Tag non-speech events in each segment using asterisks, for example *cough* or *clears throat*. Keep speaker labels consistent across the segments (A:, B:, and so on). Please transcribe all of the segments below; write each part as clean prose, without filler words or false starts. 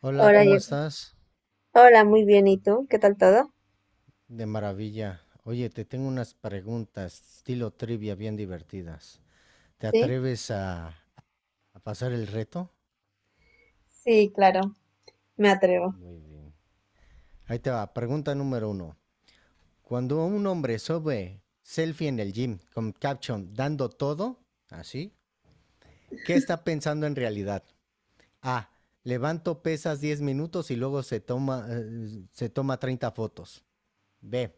A: Hola,
B: Hola,
A: ¿cómo
B: Gerson.
A: estás?
B: Hola, muy bien. ¿Y tú? ¿Qué tal todo?
A: De maravilla. Oye, te tengo unas preguntas, estilo trivia, bien divertidas. ¿Te
B: Sí,
A: atreves a pasar el reto?
B: sí, claro, me atrevo.
A: Muy bien. Ahí te va, pregunta número uno. Cuando un hombre sube selfie en el gym con caption dando todo, así, ¿qué está pensando en realidad? A. Levanto pesas 10 minutos y luego se toma 30 fotos. B.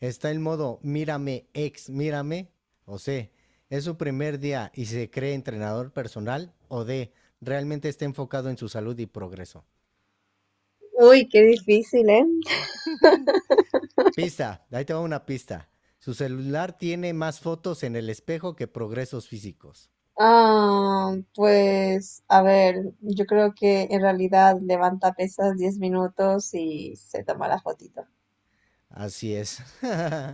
A: Está el modo mírame, ex mírame, o C, es su primer día y se cree entrenador personal, o D, realmente está enfocado en su salud y progreso.
B: Uy, qué difícil, ¿eh?
A: Pista, ahí te va una pista. Su celular tiene más fotos en el espejo que progresos físicos.
B: Ah, pues a ver, yo creo que en realidad levanta pesas 10 minutos y se toma la fotito.
A: Así es.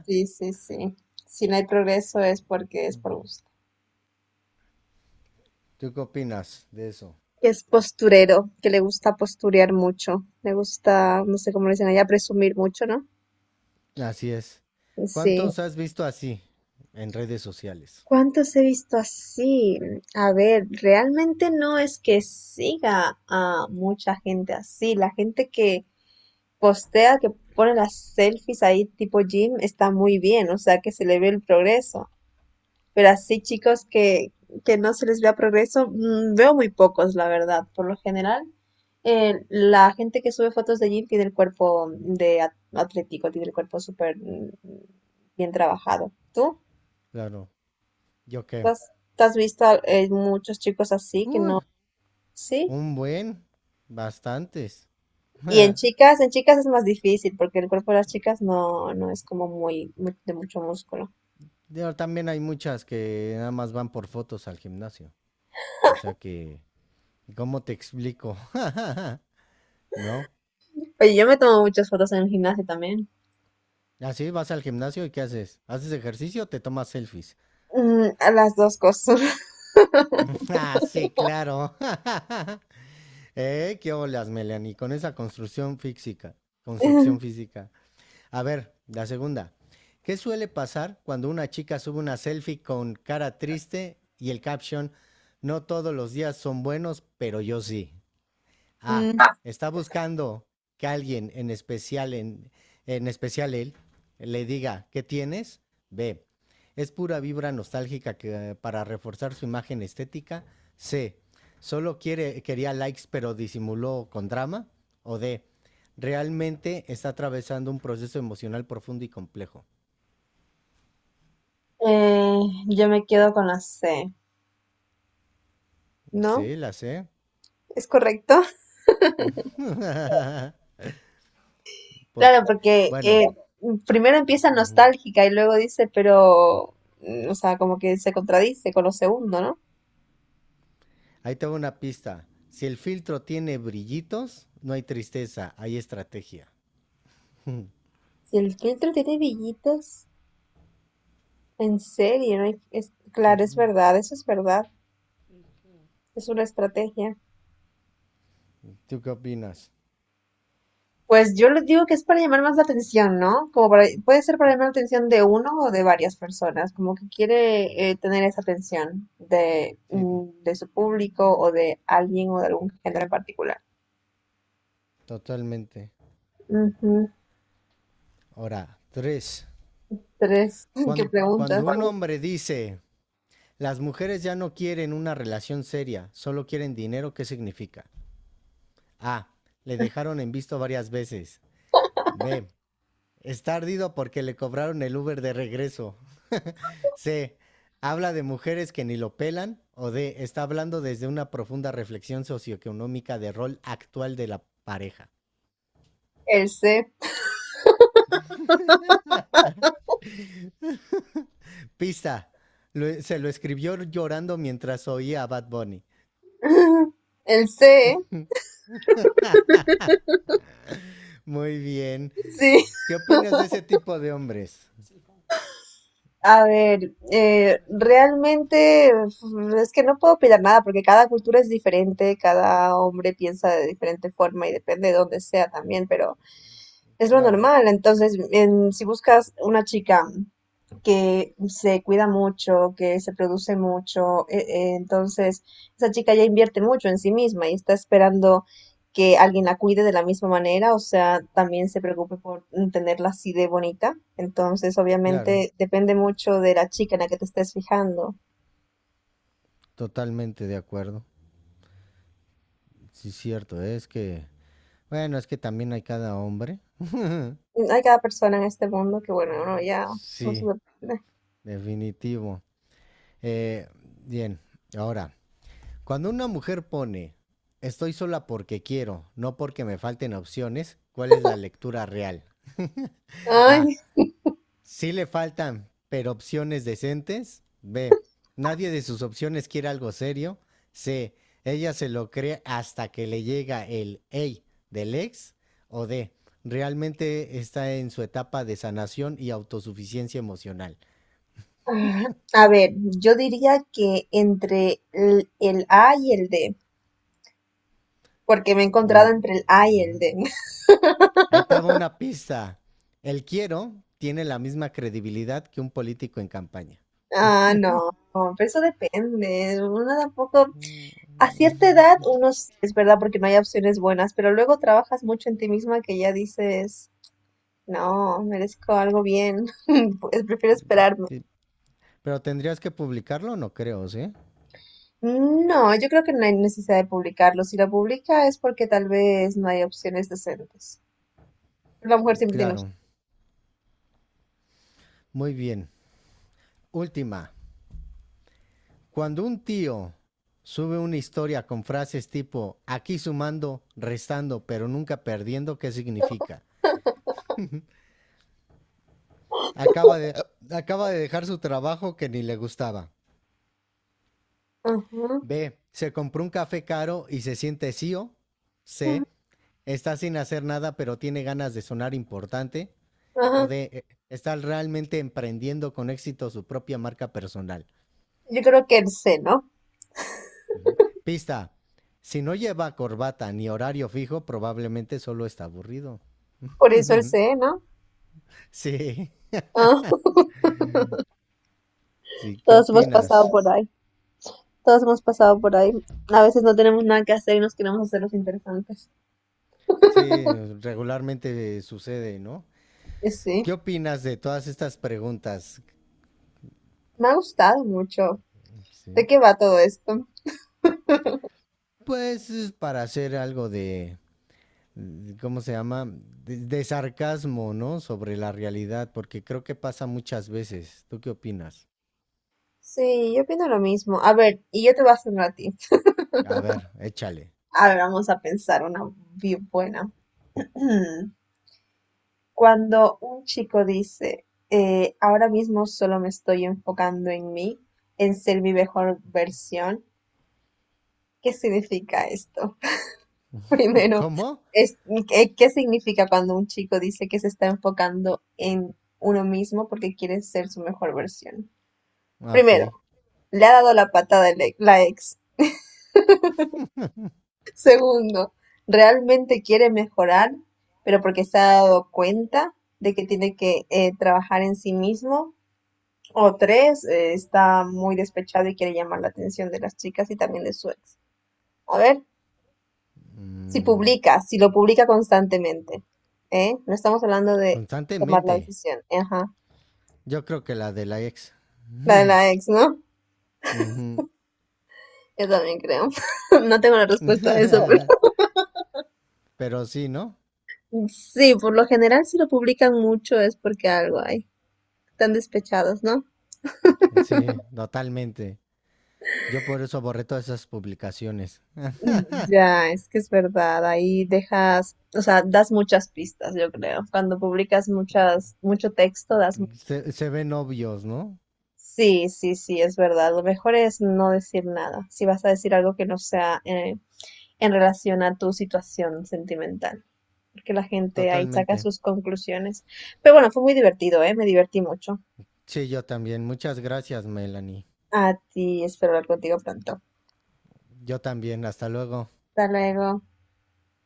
B: Sí, sí, sí. Si no hay progreso es porque es por gusto.
A: *laughs* ¿Tú qué opinas de eso?
B: Que es posturero, que le gusta posturear mucho. Le gusta, no sé cómo le dicen allá, presumir mucho, ¿no?
A: Así es.
B: Sí.
A: ¿Cuántos has visto así en redes sociales?
B: ¿Cuántos he visto así? A ver, realmente no es que siga a mucha gente así. La gente que postea, que pone las selfies ahí tipo Jim, está muy bien, o sea que se le ve el progreso. Pero así chicos que no se les vea progreso, veo muy pocos, la verdad. Por lo general, la gente que sube fotos de Jim tiene el cuerpo de atlético, tiene el cuerpo súper bien trabajado. ¿Tú?
A: Claro. ¿Yo qué?
B: has, te has visto muchos chicos así que
A: Uy,
B: no, sí.
A: un buen. Bastantes.
B: Y
A: *laughs*
B: en chicas es más difícil porque el cuerpo de las chicas no, no es como muy, de mucho músculo.
A: Digo, también hay muchas que nada más van por fotos al gimnasio. O sea que, ¿cómo te explico? *laughs* ¿No?
B: Oye, yo me tomo muchas fotos en el gimnasio también.
A: Así vas al gimnasio y ¿qué haces? ¿Haces ejercicio o te tomas selfies?
B: A las dos cosas.
A: *laughs* Ah, sí, claro. *laughs* Qué olas, Melanie, con esa construcción física. Construcción
B: *laughs*
A: física. A ver, la segunda. ¿Qué suele pasar cuando una chica sube una selfie con cara triste y el caption, no todos los días son buenos, pero yo sí? Ah,
B: Mm,
A: está buscando que alguien en especial, en especial él, le diga, ¿qué tienes? B. Es pura vibra nostálgica que, para reforzar su imagen estética. C. Quería likes pero disimuló con drama. O D. Realmente está atravesando un proceso emocional profundo y complejo.
B: eh, yo me quedo con la C, ¿no?
A: Sí, la sé.
B: ¿Es correcto? *laughs*
A: *laughs* Por,
B: Claro, porque
A: bueno,
B: primero empieza
A: ujú.
B: nostálgica y luego dice, pero, o sea, como que se contradice con lo segundo, ¿no?
A: Ahí te va una pista. Si el filtro tiene brillitos, no hay tristeza, hay estrategia. *laughs*
B: Si el filtro tiene brillitos, en serio, no hay- es, claro, es verdad, eso es verdad, es una estrategia.
A: ¿Tú qué opinas?
B: Pues yo les digo que es para llamar más la atención, ¿no? Como para, puede ser para llamar la atención de uno o de varias personas, como que quiere tener esa atención de,
A: Sí,
B: mm, de su público o de alguien o de algún género en particular.
A: totalmente.
B: Ujú.
A: Ahora, tres.
B: Tres, *laughs* ¿qué preguntas?
A: Cuando, un
B: ¿Cuál?
A: hombre dice, las mujeres ya no quieren una relación seria, solo quieren dinero, ¿qué significa? A. Le dejaron en visto varias veces. B. Está ardido porque le cobraron el Uber de regreso. *laughs* C. Habla de mujeres que ni lo pelan. O D. Está hablando desde una profunda reflexión socioeconómica del rol actual de la pareja.
B: El C.
A: Pista. Se lo escribió llorando mientras oía a Bad Bunny.
B: *laughs* El C,
A: Muy bien.
B: sí.
A: ¿Qué opinas de ese tipo de hombres?
B: A ver, realmente uf, es que no puedo opinar nada porque cada cultura es diferente, cada hombre piensa de diferente forma y depende de dónde sea también, pero es lo
A: Claro,
B: normal. Entonces, si buscas una chica que se cuida mucho, que se produce mucho, entonces esa chica ya invierte mucho en sí misma y está esperando que alguien la cuide de la misma manera, o sea, también se preocupe por tenerla así de bonita. Entonces,
A: claro.
B: obviamente, depende mucho de la chica en la que te estés fijando.
A: Totalmente de acuerdo. Sí, cierto. Es que... Bueno, es que también hay cada hombre. *laughs*
B: Hay cada persona en este mundo que, bueno, uno ya no se
A: Sí,
B: sorprende.
A: definitivo. Eh, bien, ahora, cuando una mujer pone estoy sola porque quiero, no porque me falten opciones, ¿cuál es la lectura real?
B: Ay,
A: A. Sí le faltan, pero opciones decentes. B. Nadie de sus opciones quiere algo serio. C. Ella se lo cree hasta que le llega el hey del ex. O D. Realmente está en su etapa de sanación y autosuficiencia emocional.
B: A ver, yo diría que entre el A y el D, porque me he encontrado
A: Muy-
B: entre el A y el D. *laughs*
A: Ahí te va una pista. El quiero tiene la misma credibilidad que un político en campaña.
B: Ah, no, no, pero eso depende. Uno tampoco A cierta edad, uno sí, es verdad porque no hay opciones buenas, pero luego trabajas mucho en ti misma que ya dices, no, merezco algo bien, *laughs* pues prefiero esperarme.
A: Pero tendrías que publicarlo, no creo, ¿sí?
B: No, yo creo que no hay necesidad de publicarlo. Si lo publica es porque tal vez no hay opciones decentes. La mujer siempre tiene opciones.
A: Claro. Muy bien. Última. Cuando un tío sube una historia con frases tipo aquí sumando, restando, pero nunca perdiendo, ¿qué significa? Acaba de, acaba de dejar su trabajo que ni le gustaba.
B: Ajá,
A: B. Se compró un café caro y se siente CEO.
B: ajá,
A: C. Está sin hacer nada pero tiene ganas de sonar importante. O
B: ajá.
A: D. Está realmente emprendiendo con éxito su propia marca personal.
B: Yo creo que el C, ¿no?
A: Ujú. Pista. Si no lleva corbata ni horario fijo, probablemente solo está aburrido.
B: Por eso el
A: *laughs*
B: C, ¿no?
A: Sí,
B: Ah,
A: sí, ¿qué
B: todos hemos pasado
A: opinas?
B: por ahí. Todos hemos pasado por ahí. A veces no tenemos nada que hacer y nos queremos hacer los interesantes.
A: Sí, regularmente sucede, ¿no?
B: Y sí,
A: ¿Qué opinas de todas estas preguntas?
B: me ha gustado mucho.
A: Sí.
B: ¿De qué va todo esto?
A: Pues es para hacer algo de ¿cómo se llama? De sarcasmo, ¿no? Sobre la realidad, porque creo que pasa muchas veces. ¿Tú qué opinas?
B: Sí, yo opino lo mismo. A ver, y yo te voy a hacer una a ti.
A: A ver, échale.
B: Ahora vamos a pensar una bien buena. *clears throat* Cuando un chico dice, ahora mismo solo me estoy enfocando en mí, en ser mi mejor versión, ¿qué significa esto? *laughs* Primero,
A: ¿Cómo?
B: es, ¿qué significa cuando un chico dice que se está enfocando en uno mismo porque quiere ser su mejor versión?
A: Ah, ok.
B: Primero, le ha dado la patada la ex. Segundo, realmente quiere mejorar, pero porque se ha dado cuenta de que tiene que trabajar en sí mismo. O tres, está muy despechado y quiere llamar la atención de las chicas y también de su ex. A ver,
A: Mm,
B: si lo publica constantemente, ¿eh? No estamos hablando de tomar la
A: constantemente.
B: decisión. Ajá,
A: Yo creo que la de la ex.
B: la de la
A: *laughs*
B: ex, ¿no?
A: Ujú.
B: Yo también creo. *laughs* No tengo la respuesta a eso, pero
A: *laughs* Pero sí, ¿no?
B: sí, por lo general si lo publican mucho es porque algo hay. Están despechados, ¿no?
A: Sí, totalmente. Yo por eso borré todas esas publicaciones.
B: *laughs* Ya, es que es verdad, ahí dejas, o sea, das muchas pistas, yo creo. Cuando publicas mucho texto, das.
A: Se ven obvios, ¿no?
B: Sí, sí, sí, es verdad. Lo mejor es no decir nada, si vas a decir algo que no sea en relación a tu situación sentimental, porque la gente ahí saca
A: Totalmente.
B: sus conclusiones. Pero bueno, fue muy divertido, ¿eh? Me divertí mucho.
A: Sí, yo también. Muchas gracias, Melanie.
B: A ti, espero hablar contigo pronto.
A: Yo también. Hasta luego.
B: Hasta luego.